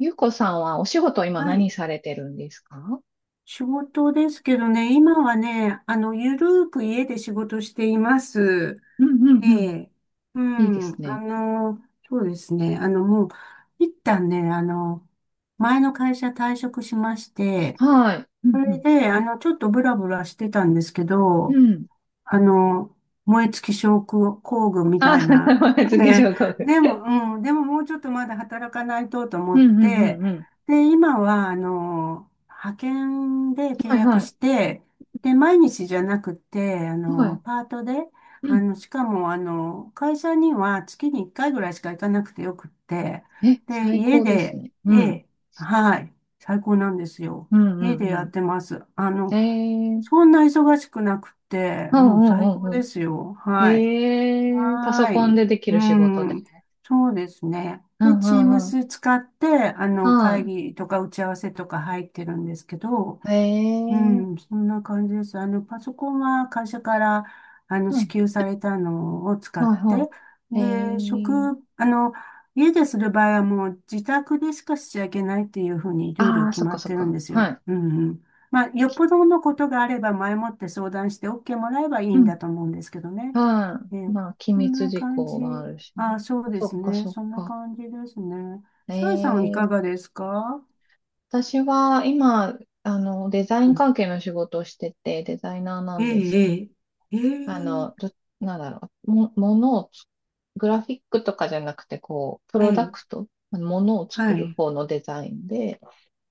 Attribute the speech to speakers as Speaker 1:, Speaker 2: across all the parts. Speaker 1: ゆうこさんはお仕事今
Speaker 2: は
Speaker 1: 何
Speaker 2: い。
Speaker 1: されてるんですか？
Speaker 2: 仕事ですけどね、今はね、ゆるーく家で仕事しています。
Speaker 1: うんう
Speaker 2: え
Speaker 1: んうん。
Speaker 2: え。う
Speaker 1: いいです
Speaker 2: ん。
Speaker 1: ね。
Speaker 2: そうですね。もう、一旦ね、前の会社退職しまして、
Speaker 1: はい。う
Speaker 2: それ
Speaker 1: ん
Speaker 2: で、ちょっとブラブラしてたんですけ
Speaker 1: うん。う
Speaker 2: ど、
Speaker 1: ん。
Speaker 2: あの、燃え尽き症候工群み
Speaker 1: あ、
Speaker 2: たいな。
Speaker 1: 次
Speaker 2: ね。
Speaker 1: 上皇后。
Speaker 2: でも、うん、でももうちょっとまだ働かないとと思
Speaker 1: う
Speaker 2: っ
Speaker 1: んうんう
Speaker 2: て、
Speaker 1: んうん。
Speaker 2: で、今は、派遣で契
Speaker 1: はい
Speaker 2: 約
Speaker 1: は
Speaker 2: し
Speaker 1: い。
Speaker 2: て、で、毎日じゃなくて、
Speaker 1: はい。
Speaker 2: パートで、
Speaker 1: うん。
Speaker 2: しかも、会社には月に1回ぐらいしか行かなくてよくって、
Speaker 1: え、
Speaker 2: で、
Speaker 1: 最
Speaker 2: 家
Speaker 1: 高です
Speaker 2: で、
Speaker 1: ね。う
Speaker 2: え
Speaker 1: ん。
Speaker 2: え、はい、最高なんですよ。
Speaker 1: うんう
Speaker 2: 家で
Speaker 1: ん
Speaker 2: やっ
Speaker 1: う
Speaker 2: てます。
Speaker 1: ん。えー。
Speaker 2: そんな忙しくなくて、
Speaker 1: う
Speaker 2: も
Speaker 1: ん
Speaker 2: う
Speaker 1: う
Speaker 2: 最
Speaker 1: んう
Speaker 2: 高
Speaker 1: ん
Speaker 2: で
Speaker 1: う
Speaker 2: すよ。
Speaker 1: ん。
Speaker 2: はい。
Speaker 1: えー。パ
Speaker 2: は
Speaker 1: ソ
Speaker 2: ー
Speaker 1: コンで
Speaker 2: い。
Speaker 1: でき
Speaker 2: う
Speaker 1: る仕事で。
Speaker 2: ん。そうですね。
Speaker 1: う
Speaker 2: で、
Speaker 1: んうんうん。
Speaker 2: Teams 使って、会
Speaker 1: は
Speaker 2: 議とか打ち合わせとか入ってるんですけど、
Speaker 1: い。
Speaker 2: う
Speaker 1: えー。
Speaker 2: ん、そんな感じです。パソコンは会社から、
Speaker 1: う
Speaker 2: 支
Speaker 1: ん。
Speaker 2: 給されたのを使っ
Speaker 1: はい
Speaker 2: て、
Speaker 1: はい。え
Speaker 2: で、
Speaker 1: ー。
Speaker 2: あの、家でする場合はもう自宅でしかしちゃいけないっていうふうにルー
Speaker 1: あ
Speaker 2: ル
Speaker 1: ー、
Speaker 2: 決
Speaker 1: そっ
Speaker 2: ま
Speaker 1: か
Speaker 2: っ
Speaker 1: そっ
Speaker 2: てるん
Speaker 1: か。
Speaker 2: です
Speaker 1: は
Speaker 2: よ。
Speaker 1: い。
Speaker 2: うんうん。まあ、よっぽどのことがあれば前もって相談して OK もらえばいい
Speaker 1: う
Speaker 2: んだ
Speaker 1: ん
Speaker 2: と思うんですけどね。
Speaker 1: は
Speaker 2: え
Speaker 1: い。
Speaker 2: え、
Speaker 1: まあ、機
Speaker 2: こん
Speaker 1: 密
Speaker 2: な
Speaker 1: 事
Speaker 2: 感
Speaker 1: 項
Speaker 2: じ。
Speaker 1: はあるしね。
Speaker 2: あ、そうで
Speaker 1: そ
Speaker 2: す
Speaker 1: っか、
Speaker 2: ね。
Speaker 1: そっ
Speaker 2: そんな
Speaker 1: か。
Speaker 2: 感じですね。
Speaker 1: え
Speaker 2: さえさんいか
Speaker 1: え。
Speaker 2: がですか？
Speaker 1: 私は今、デザイ
Speaker 2: う
Speaker 1: ン
Speaker 2: ん
Speaker 1: 関係の仕事をしてて、デザイナーな
Speaker 2: え
Speaker 1: んですけ
Speaker 2: え、ええ、え
Speaker 1: ど、
Speaker 2: え、
Speaker 1: なんだろう、も、ものをつ、グラフィックとかじゃなくて、こう、プ
Speaker 2: え
Speaker 1: ロダク
Speaker 2: え。
Speaker 1: ト、ものを
Speaker 2: は
Speaker 1: 作る
Speaker 2: い。
Speaker 1: 方のデザインで、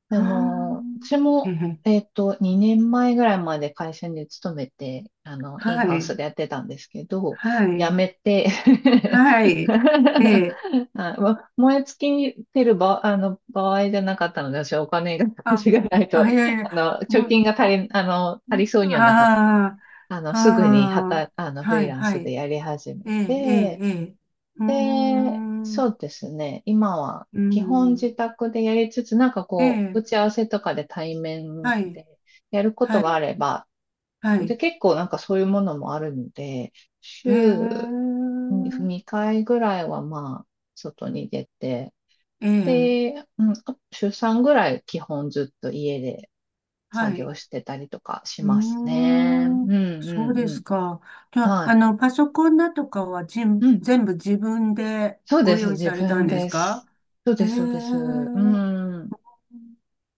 Speaker 2: はあ。
Speaker 1: 私
Speaker 2: え
Speaker 1: も、
Speaker 2: え。
Speaker 1: 2年前ぐらいまで会社に勤めて、イン
Speaker 2: は
Speaker 1: ハウス
Speaker 2: い。
Speaker 1: でやってたんですけど、
Speaker 2: は
Speaker 1: 辞
Speaker 2: い。
Speaker 1: めて
Speaker 2: はい。ええ。
Speaker 1: あ、燃え尽きてる場、あの、場合じゃなかったので、私はお金が、
Speaker 2: あ、
Speaker 1: 私がないと、
Speaker 2: あ、いやいや。
Speaker 1: 貯
Speaker 2: うん、
Speaker 1: 金が
Speaker 2: あ、
Speaker 1: 足りそうにはなかっ
Speaker 2: あ
Speaker 1: た。
Speaker 2: あ、
Speaker 1: すぐに、は
Speaker 2: ああ。
Speaker 1: た、あの、フ
Speaker 2: は
Speaker 1: リー
Speaker 2: い、
Speaker 1: ラン
Speaker 2: は
Speaker 1: スで
Speaker 2: い。
Speaker 1: やり始め。
Speaker 2: ええ、ええ、ええ。うーん。う
Speaker 1: そうですね。今は
Speaker 2: ー
Speaker 1: 基本自
Speaker 2: ん。
Speaker 1: 宅でやりつつ、なんか
Speaker 2: え
Speaker 1: こう、打
Speaker 2: え。
Speaker 1: ち合わせとかで対面
Speaker 2: はい。
Speaker 1: でやるこ
Speaker 2: は
Speaker 1: とがあ
Speaker 2: い。
Speaker 1: れば、
Speaker 2: は
Speaker 1: で、
Speaker 2: い。
Speaker 1: 結構なんかそういうものもあるので、
Speaker 2: へ
Speaker 1: 週
Speaker 2: え。
Speaker 1: に2回ぐらいはまあ、外に出て、
Speaker 2: ええ。
Speaker 1: で、うん、あ週3ぐらい基本ずっと家で
Speaker 2: は
Speaker 1: 作
Speaker 2: い。
Speaker 1: 業してたりとかし
Speaker 2: うー
Speaker 1: ますね。うん
Speaker 2: ん、そ
Speaker 1: う
Speaker 2: う
Speaker 1: ん
Speaker 2: で
Speaker 1: う
Speaker 2: す
Speaker 1: ん。
Speaker 2: か。じゃあ、
Speaker 1: は
Speaker 2: パソコンだとかは
Speaker 1: い。うん。
Speaker 2: 全部自分で
Speaker 1: そうで
Speaker 2: ご
Speaker 1: す。
Speaker 2: 用意
Speaker 1: 自
Speaker 2: された
Speaker 1: 分
Speaker 2: んです
Speaker 1: で
Speaker 2: か？
Speaker 1: す。そう
Speaker 2: へ
Speaker 1: で
Speaker 2: え、
Speaker 1: す、そうです。う
Speaker 2: そ
Speaker 1: ん。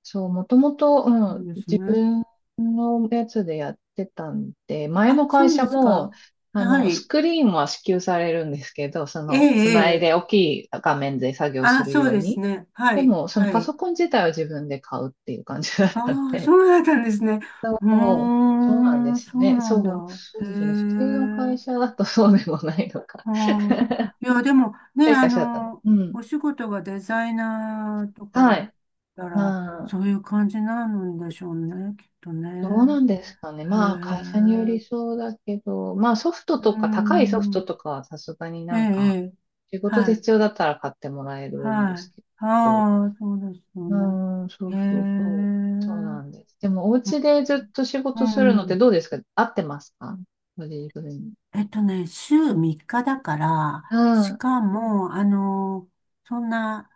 Speaker 1: そう、もともと、う
Speaker 2: う
Speaker 1: ん、
Speaker 2: です
Speaker 1: 自
Speaker 2: ね。
Speaker 1: 分のやつでやってたんで、前
Speaker 2: あ、
Speaker 1: の
Speaker 2: そ
Speaker 1: 会
Speaker 2: う
Speaker 1: 社
Speaker 2: です
Speaker 1: も、
Speaker 2: か。やは
Speaker 1: ス
Speaker 2: り、
Speaker 1: クリーンは支給されるんですけど、そ
Speaker 2: ええ、
Speaker 1: の、つ
Speaker 2: え
Speaker 1: ないで
Speaker 2: え。
Speaker 1: 大きい画面で作業す
Speaker 2: あ、
Speaker 1: る
Speaker 2: そう
Speaker 1: よう
Speaker 2: です
Speaker 1: に。
Speaker 2: ね。は
Speaker 1: で
Speaker 2: い、
Speaker 1: も、その
Speaker 2: は
Speaker 1: パ
Speaker 2: い。
Speaker 1: ソコン自体は自分で買うっていう感じだったん
Speaker 2: ああ、
Speaker 1: で。
Speaker 2: そうだったんですね。うー
Speaker 1: そうそうなんで
Speaker 2: ん、
Speaker 1: すよ
Speaker 2: そう
Speaker 1: ね。
Speaker 2: な
Speaker 1: そ
Speaker 2: んだ。
Speaker 1: う、そうですよね。
Speaker 2: へ
Speaker 1: 普通の会社
Speaker 2: え。
Speaker 1: だとそうでもないのか。
Speaker 2: あ あ、
Speaker 1: っ
Speaker 2: いや、でもね、
Speaker 1: ていう会社だったの。うん。
Speaker 2: お仕事がデザイナーとか
Speaker 1: は
Speaker 2: だっ
Speaker 1: い。
Speaker 2: たら、
Speaker 1: は
Speaker 2: そう
Speaker 1: い。
Speaker 2: いう感じなんでしょうね、きっと
Speaker 1: どうな
Speaker 2: ね。
Speaker 1: んですかね。
Speaker 2: へえ、
Speaker 1: まあ、会社により
Speaker 2: う
Speaker 1: そうだけど、まあ、ソフト
Speaker 2: ー
Speaker 1: とか、高いソフト
Speaker 2: ん、
Speaker 1: とかはさすがに
Speaker 2: ええ、
Speaker 1: なんか、
Speaker 2: ええ
Speaker 1: 仕事
Speaker 2: は
Speaker 1: で
Speaker 2: い、
Speaker 1: 必要だったら買ってもらえるんで
Speaker 2: はい。
Speaker 1: すけど、
Speaker 2: ああ、そうですよ
Speaker 1: う
Speaker 2: ね。
Speaker 1: ーん、そ
Speaker 2: へ
Speaker 1: う
Speaker 2: え、う
Speaker 1: そうそう。そうなん
Speaker 2: ん
Speaker 1: です。でも、お家でずっと仕
Speaker 2: う
Speaker 1: 事するのって
Speaker 2: ん
Speaker 1: どうですか？合ってますか？ご自分に。
Speaker 2: 週3日だから、
Speaker 1: う
Speaker 2: し
Speaker 1: ん。あ
Speaker 2: かも、そんな、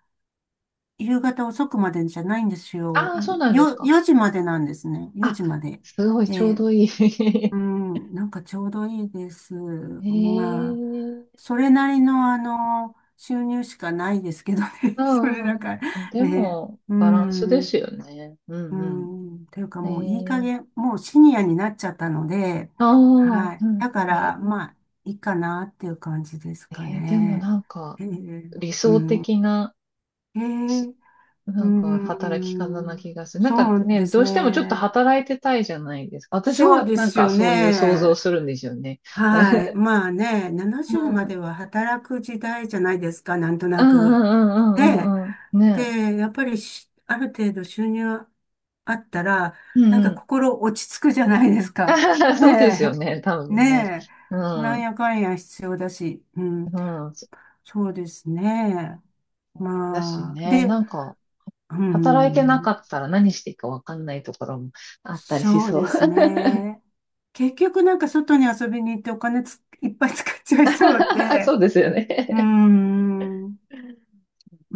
Speaker 2: 夕方遅くまでじゃないんですよ。
Speaker 1: あ、そうなんです
Speaker 2: よ、
Speaker 1: か。
Speaker 2: 4時までなんですね。4
Speaker 1: あ、
Speaker 2: 時まで。
Speaker 1: すごい、
Speaker 2: え
Speaker 1: ちょう
Speaker 2: え
Speaker 1: どいい。
Speaker 2: う ん、なんかちょうどいいです。まあ、
Speaker 1: ええ。
Speaker 2: それなりの収入しかないですけどね。
Speaker 1: う
Speaker 2: そ
Speaker 1: ん
Speaker 2: れだ
Speaker 1: うん
Speaker 2: から、
Speaker 1: うん。で
Speaker 2: ね。
Speaker 1: も、
Speaker 2: う
Speaker 1: バランスで
Speaker 2: ん、
Speaker 1: すよね。う
Speaker 2: う
Speaker 1: んう
Speaker 2: ん、というか
Speaker 1: ん。
Speaker 2: もういい加
Speaker 1: ええ。
Speaker 2: 減、もうシニアになっちゃったので、
Speaker 1: ああ、
Speaker 2: はい。
Speaker 1: うん。
Speaker 2: だか
Speaker 1: ね。
Speaker 2: ら、まあ、いいかなっていう感じですか
Speaker 1: でも
Speaker 2: ね。
Speaker 1: なんか、
Speaker 2: えー
Speaker 1: 理
Speaker 2: う
Speaker 1: 想
Speaker 2: ん。
Speaker 1: 的な、
Speaker 2: え
Speaker 1: し
Speaker 2: えうー
Speaker 1: なんか、働き方な
Speaker 2: ん、
Speaker 1: 気がする。なんか
Speaker 2: そうで
Speaker 1: ね、
Speaker 2: す
Speaker 1: どうしてもちょっと
Speaker 2: ね。
Speaker 1: 働いてたいじゃないですか。私
Speaker 2: そう
Speaker 1: は
Speaker 2: で
Speaker 1: なん
Speaker 2: す
Speaker 1: か
Speaker 2: よ
Speaker 1: そういう想像
Speaker 2: ね。
Speaker 1: するんですよね。
Speaker 2: はい。まあね、
Speaker 1: う
Speaker 2: 70
Speaker 1: ん、
Speaker 2: ま
Speaker 1: うん
Speaker 2: では働く時代じゃないですか、なんと
Speaker 1: う
Speaker 2: な
Speaker 1: んう
Speaker 2: く。
Speaker 1: んう
Speaker 2: ね。
Speaker 1: んうんうん。ね
Speaker 2: で、やっぱりある程度収入あったら、
Speaker 1: え。う
Speaker 2: なん
Speaker 1: んう
Speaker 2: か
Speaker 1: ん。
Speaker 2: 心落ち着くじゃないですか。
Speaker 1: そうですよ
Speaker 2: ね
Speaker 1: ね、多
Speaker 2: え。
Speaker 1: 分ね。
Speaker 2: ね
Speaker 1: う
Speaker 2: え。な
Speaker 1: ん。
Speaker 2: ん
Speaker 1: う
Speaker 2: やかんや必要だし。うん。
Speaker 1: ん。
Speaker 2: そうですね。
Speaker 1: だし
Speaker 2: まあ、
Speaker 1: ね、
Speaker 2: で、
Speaker 1: なんか、
Speaker 2: う
Speaker 1: 働いてなか
Speaker 2: ん。
Speaker 1: ったら何していいかわかんないところもあったりし
Speaker 2: そう
Speaker 1: そう。
Speaker 2: ですね。結局なんか外に遊びに行ってお金いっぱい使っちゃいそう
Speaker 1: そ
Speaker 2: で、
Speaker 1: うですよ
Speaker 2: うー
Speaker 1: ね。
Speaker 2: ん。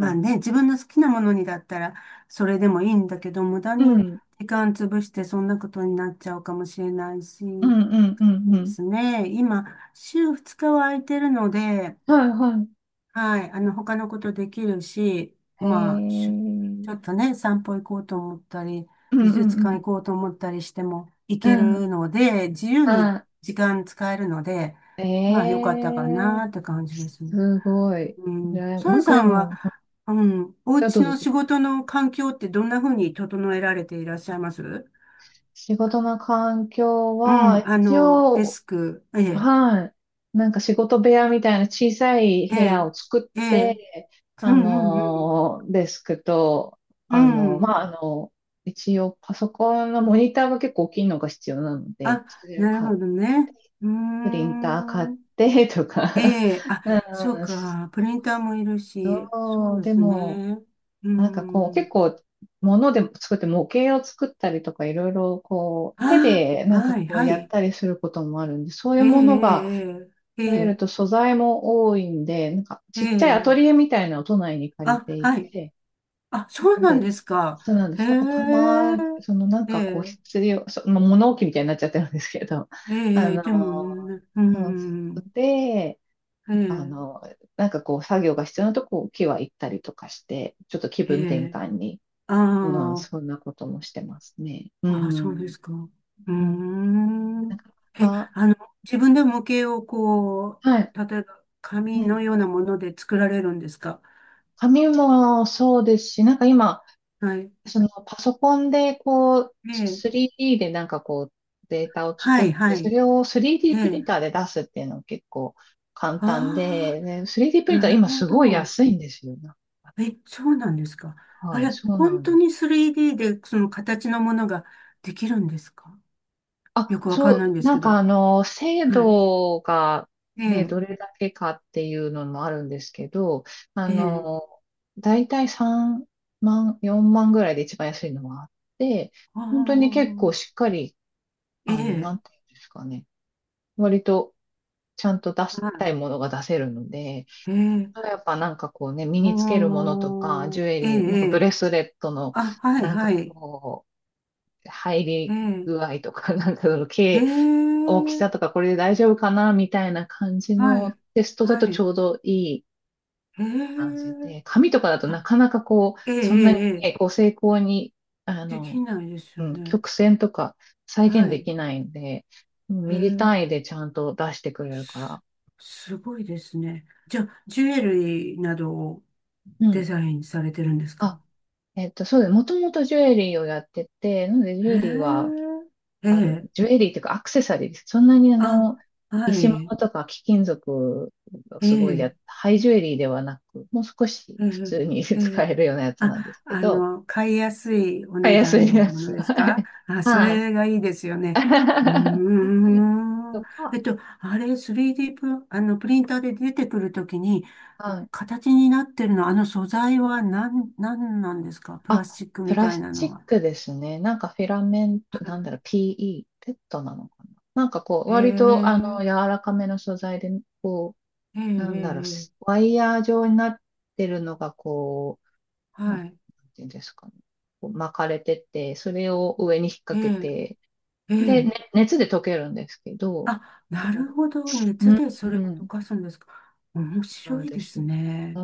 Speaker 1: う
Speaker 2: あ
Speaker 1: ん。
Speaker 2: ね、自分の好きなものにだったらそれでもいいんだけど、無駄
Speaker 1: う
Speaker 2: に
Speaker 1: ん、
Speaker 2: 時間潰してそんなことになっちゃうかもしれないし、
Speaker 1: うん、うん、うん、
Speaker 2: そ
Speaker 1: うん
Speaker 2: う
Speaker 1: う
Speaker 2: で
Speaker 1: ん。
Speaker 2: すね。今、週2日は空いてるので、
Speaker 1: はい、は
Speaker 2: はい。他のことできるし、
Speaker 1: い。え
Speaker 2: まあ、ちょ
Speaker 1: ー。
Speaker 2: っとね、散歩行こうと思ったり、
Speaker 1: うん、
Speaker 2: 美
Speaker 1: うん、う
Speaker 2: 術館
Speaker 1: ん。
Speaker 2: 行こうと思ったりしても行
Speaker 1: う
Speaker 2: け
Speaker 1: ん。
Speaker 2: るので、自由に
Speaker 1: は
Speaker 2: 時間使えるので、
Speaker 1: い。
Speaker 2: まあ、良かったか
Speaker 1: えー。
Speaker 2: なって感じですね。
Speaker 1: すごい。
Speaker 2: うん。サ
Speaker 1: な
Speaker 2: ラ
Speaker 1: んか
Speaker 2: さ
Speaker 1: で
Speaker 2: んは、
Speaker 1: も、あ。
Speaker 2: うん、お
Speaker 1: どう
Speaker 2: 家
Speaker 1: ぞどう
Speaker 2: の
Speaker 1: ぞ。
Speaker 2: 仕事の環境ってどんな風に整えられていらっしゃいますう？
Speaker 1: 仕事の環境
Speaker 2: ん、
Speaker 1: は、一
Speaker 2: デ
Speaker 1: 応、
Speaker 2: スク、ええ、
Speaker 1: はい。なんか仕事部屋みたいな小さい
Speaker 2: え
Speaker 1: 部屋
Speaker 2: え、
Speaker 1: を作
Speaker 2: え
Speaker 1: っ
Speaker 2: え、
Speaker 1: て、
Speaker 2: うん、うん、
Speaker 1: デスクと、
Speaker 2: う
Speaker 1: あ
Speaker 2: ん、
Speaker 1: の
Speaker 2: う
Speaker 1: ま
Speaker 2: ん。
Speaker 1: あ、あの一応パソコンのモニターが結構大きいのが必要なので、
Speaker 2: あ、
Speaker 1: それを
Speaker 2: なるほどね。うー
Speaker 1: プリンター買っ
Speaker 2: ん。
Speaker 1: てとか。
Speaker 2: ええ、あ、
Speaker 1: う
Speaker 2: そう
Speaker 1: ん、
Speaker 2: か。プリンターもいるし、そ
Speaker 1: そう、
Speaker 2: うで
Speaker 1: で
Speaker 2: す
Speaker 1: も、
Speaker 2: ね。う
Speaker 1: なんかこう、
Speaker 2: ん。
Speaker 1: 結構、物でも作って、模型を作ったりとか、いろいろこう、手
Speaker 2: あ、
Speaker 1: でなんか
Speaker 2: はい、
Speaker 1: こう
Speaker 2: は
Speaker 1: やっ
Speaker 2: い。
Speaker 1: たりすることもあるんで、そうい
Speaker 2: え
Speaker 1: う
Speaker 2: え、
Speaker 1: ものが
Speaker 2: ええ、え
Speaker 1: 増える
Speaker 2: え、
Speaker 1: と素材も多いんで、なんか
Speaker 2: え
Speaker 1: ちっちゃいアト
Speaker 2: え。
Speaker 1: リエ
Speaker 2: ええ
Speaker 1: みたいなのを都内に借り
Speaker 2: あ、
Speaker 1: てい
Speaker 2: はい。
Speaker 1: て、
Speaker 2: あ、そう
Speaker 1: なん
Speaker 2: なん
Speaker 1: で、
Speaker 2: ですか。
Speaker 1: そうなんで
Speaker 2: へ
Speaker 1: す。
Speaker 2: え、
Speaker 1: だからそのなん
Speaker 2: え
Speaker 1: かこう
Speaker 2: え、
Speaker 1: 必要、まあ物置みたいになっちゃってるんですけど、あ
Speaker 2: ええ、
Speaker 1: の
Speaker 2: でもね、うー
Speaker 1: そうそ
Speaker 2: ん。
Speaker 1: うで、
Speaker 2: え
Speaker 1: あ
Speaker 2: え、
Speaker 1: の、なんかこう、作業が必要なとこ、木は行ったりとかして、ちょっと気
Speaker 2: え
Speaker 1: 分転換に、
Speaker 2: え。
Speaker 1: うん、
Speaker 2: ああ、
Speaker 1: そんなこともしてますね。う
Speaker 2: ああ、そうで
Speaker 1: ん。
Speaker 2: すか。うー
Speaker 1: うん、
Speaker 2: ん。
Speaker 1: なか
Speaker 2: え、
Speaker 1: なか、
Speaker 2: 自分で模型をこ
Speaker 1: はい。
Speaker 2: う、例えば
Speaker 1: う
Speaker 2: 紙の
Speaker 1: ん。
Speaker 2: ようなもので作られるんですか？
Speaker 1: 紙もそうですし、なんか今、
Speaker 2: はい。
Speaker 1: そのパソコンでこう、
Speaker 2: ええ、
Speaker 1: 3D でなんかこう、データを作
Speaker 2: は
Speaker 1: っ
Speaker 2: い、は
Speaker 1: て、そ
Speaker 2: い。
Speaker 1: れを
Speaker 2: え
Speaker 1: 3D プリン
Speaker 2: え。
Speaker 1: ターで出すっていうの結構簡
Speaker 2: あ
Speaker 1: 単で、ね、3D プ
Speaker 2: あ、
Speaker 1: リンタ
Speaker 2: な
Speaker 1: ー
Speaker 2: る
Speaker 1: 今
Speaker 2: ほ
Speaker 1: すごい
Speaker 2: ど。
Speaker 1: 安いんですよ。
Speaker 2: え、そうなんですか。あ
Speaker 1: はい、
Speaker 2: れ、
Speaker 1: そうな
Speaker 2: 本
Speaker 1: ん
Speaker 2: 当
Speaker 1: で
Speaker 2: に
Speaker 1: す。
Speaker 2: 3D でその形のものができるんですか？よ
Speaker 1: あ、
Speaker 2: くわか
Speaker 1: そ
Speaker 2: んないん
Speaker 1: う、
Speaker 2: です
Speaker 1: なん
Speaker 2: け
Speaker 1: か
Speaker 2: ど。
Speaker 1: 制
Speaker 2: はい。
Speaker 1: 度が
Speaker 2: え
Speaker 1: ね、
Speaker 2: え、
Speaker 1: どれだけかっていうのもあるんですけど、あ
Speaker 2: ええ。
Speaker 1: の、だいたい3万、4万ぐらいで一番安いのはあって、
Speaker 2: あ
Speaker 1: 本当に結構
Speaker 2: あ、
Speaker 1: しっかり、
Speaker 2: え
Speaker 1: な
Speaker 2: え。
Speaker 1: んていうんですかね、割とちゃんと出し
Speaker 2: は
Speaker 1: たいものが出せるので、
Speaker 2: い。ええ、
Speaker 1: やっぱなんかこうね、身につけるものとか、
Speaker 2: お
Speaker 1: ジ
Speaker 2: ー、
Speaker 1: ュエ
Speaker 2: ええ、
Speaker 1: リー、なんかブ
Speaker 2: え
Speaker 1: レスレットの、
Speaker 2: あ、はい、
Speaker 1: なん
Speaker 2: は
Speaker 1: か
Speaker 2: い。
Speaker 1: こう、入
Speaker 2: え
Speaker 1: り
Speaker 2: え、
Speaker 1: 具合とか、なんかその、
Speaker 2: ええ、
Speaker 1: 大きさとかこれで大丈夫かなみたいな感じ
Speaker 2: は
Speaker 1: の
Speaker 2: い、
Speaker 1: テストだと
Speaker 2: は
Speaker 1: ち
Speaker 2: い、
Speaker 1: ょうどいい
Speaker 2: え
Speaker 1: 感じ
Speaker 2: え、
Speaker 1: で、紙とかだとな
Speaker 2: あ、
Speaker 1: かなかこう、
Speaker 2: ええ、
Speaker 1: そん
Speaker 2: え
Speaker 1: なに
Speaker 2: え、ええ
Speaker 1: ね、こう精巧に、あ
Speaker 2: でき
Speaker 1: の、
Speaker 2: ないですよ
Speaker 1: うん、
Speaker 2: ね。
Speaker 1: 曲線とか再
Speaker 2: は
Speaker 1: 現で
Speaker 2: い、
Speaker 1: きないんで、うん
Speaker 2: え
Speaker 1: ミリ
Speaker 2: え、
Speaker 1: 単位でちゃんと出してくれるから。
Speaker 2: す、すごいですね。じゃあ、ジュエリーなどを
Speaker 1: うん。
Speaker 2: デザインされてるんです
Speaker 1: あ、
Speaker 2: か？
Speaker 1: そうです。もともとジュエリーをやってて、なのでジュエリーは
Speaker 2: ええ、え
Speaker 1: ある、
Speaker 2: え、
Speaker 1: ジュエリーというかアクセサリーです。そんなに
Speaker 2: あ、は
Speaker 1: 石物
Speaker 2: い、
Speaker 1: とか貴金属を
Speaker 2: え
Speaker 1: すごいや、
Speaker 2: え、
Speaker 1: ハイジュエリーではなく、もう少し
Speaker 2: え
Speaker 1: 普
Speaker 2: え、
Speaker 1: 通に
Speaker 2: え
Speaker 1: 使
Speaker 2: え、
Speaker 1: えるようなやつ
Speaker 2: あ、
Speaker 1: なんですけど、
Speaker 2: 買いやすいお
Speaker 1: 買い
Speaker 2: 値
Speaker 1: やす
Speaker 2: 段
Speaker 1: い
Speaker 2: の
Speaker 1: や
Speaker 2: も
Speaker 1: つ。
Speaker 2: のです
Speaker 1: は
Speaker 2: か？
Speaker 1: い。
Speaker 2: あ、そ
Speaker 1: はい。
Speaker 2: れがいいですよね。うー ん。
Speaker 1: と
Speaker 2: え
Speaker 1: か、
Speaker 2: っと、あれ、3D プリンターで出てくるときに、
Speaker 1: はい。
Speaker 2: 形になってるの、あの素材は何、何なんですか？プラ
Speaker 1: あ、
Speaker 2: スチック
Speaker 1: プ
Speaker 2: み
Speaker 1: ラ
Speaker 2: たい
Speaker 1: ス
Speaker 2: な
Speaker 1: チッ
Speaker 2: のは。
Speaker 1: クですね。なんかフィラメント、なんだろう、PE、ペットなのかな。なんかこう、
Speaker 2: へ
Speaker 1: 割と
Speaker 2: え、
Speaker 1: 柔らかめの素材で、こ
Speaker 2: ええ、
Speaker 1: う、なんだろう、
Speaker 2: ええ、
Speaker 1: ワイヤー状になってるのがなん
Speaker 2: はい。
Speaker 1: ていうんですかね。こう巻かれてて、それを上に引っ
Speaker 2: え
Speaker 1: 掛け
Speaker 2: え、
Speaker 1: て、
Speaker 2: え
Speaker 1: で、
Speaker 2: え。
Speaker 1: ね熱で溶けるんですけど、
Speaker 2: あ、なる
Speaker 1: こ
Speaker 2: ほどね。
Speaker 1: うう
Speaker 2: 熱
Speaker 1: ん、
Speaker 2: で
Speaker 1: う
Speaker 2: それを溶
Speaker 1: ん
Speaker 2: かすんですか。面
Speaker 1: な
Speaker 2: 白
Speaker 1: ん
Speaker 2: い
Speaker 1: で
Speaker 2: で
Speaker 1: す
Speaker 2: す
Speaker 1: よ。う
Speaker 2: ね。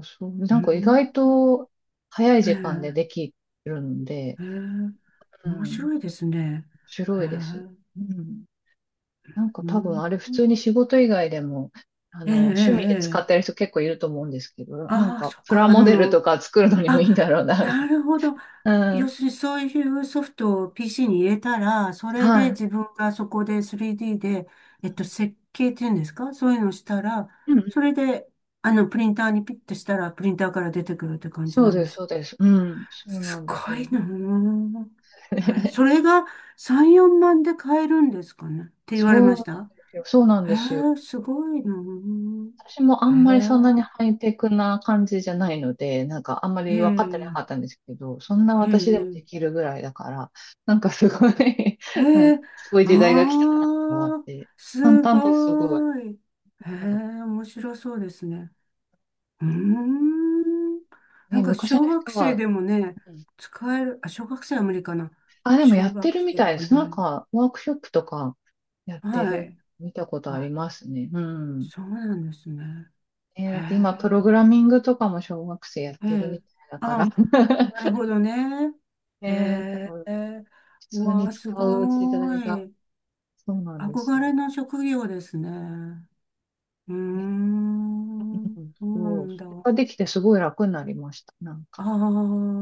Speaker 1: ん、そう、
Speaker 2: う
Speaker 1: な
Speaker 2: ー
Speaker 1: んか意外
Speaker 2: ん。
Speaker 1: と早い時間で
Speaker 2: え
Speaker 1: で
Speaker 2: え
Speaker 1: きるんで、
Speaker 2: ええ、
Speaker 1: うん、
Speaker 2: 面
Speaker 1: 面
Speaker 2: 白いですね。え
Speaker 1: 白いです。
Speaker 2: え、
Speaker 1: うん、なんか
Speaker 2: う
Speaker 1: 多
Speaker 2: ん、
Speaker 1: 分あれ普通に仕事以外でも、
Speaker 2: ええ、
Speaker 1: 趣味で使っ
Speaker 2: え
Speaker 1: て
Speaker 2: え、
Speaker 1: る人結構いると思うんですけど、なん
Speaker 2: ああー、
Speaker 1: か
Speaker 2: そっ
Speaker 1: プラ
Speaker 2: か、
Speaker 1: モデルとか作るのにもいいんだ
Speaker 2: あ、
Speaker 1: ろうな。
Speaker 2: なるほど。
Speaker 1: う
Speaker 2: 要
Speaker 1: ん、
Speaker 2: するにそういうソフトを PC に入れたら、それ
Speaker 1: は
Speaker 2: で
Speaker 1: い。
Speaker 2: 自分がそこで 3D で、設計っていうんですか？そういうのをしたら、
Speaker 1: う
Speaker 2: そ
Speaker 1: ん
Speaker 2: れで、プリンターにピッとしたら、プリンターから出てくるって感じ
Speaker 1: そ
Speaker 2: な
Speaker 1: う
Speaker 2: ん
Speaker 1: で
Speaker 2: で
Speaker 1: す、
Speaker 2: す。
Speaker 1: そうです。うん。そうな
Speaker 2: す
Speaker 1: んです
Speaker 2: ご
Speaker 1: よ。
Speaker 2: いなあ。えーそれ が3、4万で買えるんですかねって言われ
Speaker 1: そう
Speaker 2: まし
Speaker 1: なん
Speaker 2: た
Speaker 1: ですよ。そうなん
Speaker 2: へ
Speaker 1: ですよ。
Speaker 2: え、すごいな。
Speaker 1: 私もあんまりそんな
Speaker 2: へ
Speaker 1: にハイテクな感じじゃないので、なんかあんま
Speaker 2: え、へ
Speaker 1: り分かってなかっ
Speaker 2: え、
Speaker 1: たんですけど、そんな
Speaker 2: へ
Speaker 1: 私でも
Speaker 2: え、
Speaker 1: できるぐらいだから、なんかすごい
Speaker 2: へ
Speaker 1: なんか
Speaker 2: え、
Speaker 1: すごい
Speaker 2: あ
Speaker 1: 時代が来たなと思っ
Speaker 2: あ、
Speaker 1: て、簡
Speaker 2: す
Speaker 1: 単ですごい。
Speaker 2: ごい。へ
Speaker 1: うん
Speaker 2: え、面白そうですね。うーん。な
Speaker 1: ね、
Speaker 2: んか
Speaker 1: 昔
Speaker 2: 小
Speaker 1: の
Speaker 2: 学
Speaker 1: 人
Speaker 2: 生
Speaker 1: は、
Speaker 2: でもね、
Speaker 1: うん、
Speaker 2: 使える、あ、小学生は無理かな。
Speaker 1: あ、でもや
Speaker 2: 中
Speaker 1: って
Speaker 2: 学
Speaker 1: るみ
Speaker 2: 生
Speaker 1: た
Speaker 2: と
Speaker 1: いで
Speaker 2: か
Speaker 1: す。なん
Speaker 2: ね。
Speaker 1: かワークショップとかやって
Speaker 2: は
Speaker 1: る、
Speaker 2: い。
Speaker 1: 見たことあり
Speaker 2: あ、
Speaker 1: ますね。うん。
Speaker 2: そうなんですね。
Speaker 1: だ
Speaker 2: へ
Speaker 1: って今、プロ
Speaker 2: え。
Speaker 1: グラミングとかも小学生やっ
Speaker 2: え
Speaker 1: てるみ
Speaker 2: え。
Speaker 1: たいだから。
Speaker 2: あ、なるほどね。
Speaker 1: ええ、多
Speaker 2: へ
Speaker 1: 分
Speaker 2: え。
Speaker 1: 普
Speaker 2: う
Speaker 1: 通
Speaker 2: わ
Speaker 1: に
Speaker 2: あ、すご
Speaker 1: 使う時代が、
Speaker 2: い。
Speaker 1: そうなんです
Speaker 2: 憧
Speaker 1: よ
Speaker 2: れの職業ですね。うー
Speaker 1: ね。
Speaker 2: ん。
Speaker 1: うん、
Speaker 2: そうな
Speaker 1: そう、
Speaker 2: ん
Speaker 1: そ
Speaker 2: だ。
Speaker 1: れ
Speaker 2: あ
Speaker 1: ができてすごい楽になりました。なんか、
Speaker 2: あ、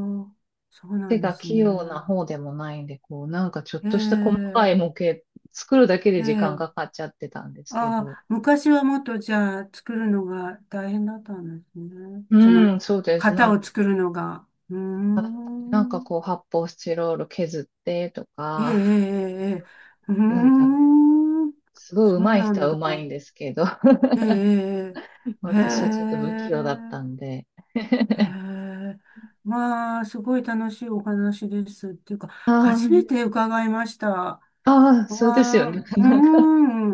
Speaker 2: そうな
Speaker 1: 手
Speaker 2: んで
Speaker 1: が
Speaker 2: す
Speaker 1: 器用な
Speaker 2: ね。
Speaker 1: 方でもないんで、こう、なんかちょっ
Speaker 2: え
Speaker 1: とした細かい
Speaker 2: え、
Speaker 1: 模型作るだけで
Speaker 2: え
Speaker 1: 時間
Speaker 2: え。
Speaker 1: がかかっちゃってたんですけ
Speaker 2: あ
Speaker 1: ど、
Speaker 2: あ、昔はもっとじゃあ作るのが大変だったんですね。その
Speaker 1: うん、そうです。な
Speaker 2: 型
Speaker 1: んか、
Speaker 2: を作るのが。うー
Speaker 1: なんか
Speaker 2: ん。
Speaker 1: こう、発泡スチロール削ってと
Speaker 2: ええ、え
Speaker 1: か、
Speaker 2: え、ええ、うー
Speaker 1: なんか、
Speaker 2: ん、
Speaker 1: すごい
Speaker 2: そう
Speaker 1: 上手い
Speaker 2: な
Speaker 1: 人は
Speaker 2: んだ。
Speaker 1: 上手いんですけど、
Speaker 2: ええ、ええ、へ
Speaker 1: 私はちょっと
Speaker 2: え、
Speaker 1: 不器用だったんで。
Speaker 2: へ え、まあ、すごい楽しいお話ですっていうか、
Speaker 1: あ
Speaker 2: 初め
Speaker 1: あ、
Speaker 2: て伺いました。わ
Speaker 1: ああ、そうですよ
Speaker 2: あ、う
Speaker 1: ね。
Speaker 2: ー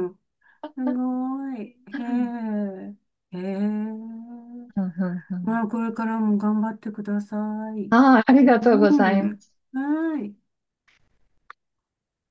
Speaker 2: ん、すごい。
Speaker 1: うん
Speaker 2: へえ、へえ、
Speaker 1: うんうん。
Speaker 2: まあ、これからも頑張ってください。
Speaker 1: ああ、ありがとうご
Speaker 2: う
Speaker 1: ざいま
Speaker 2: ん、
Speaker 1: す。
Speaker 2: はい。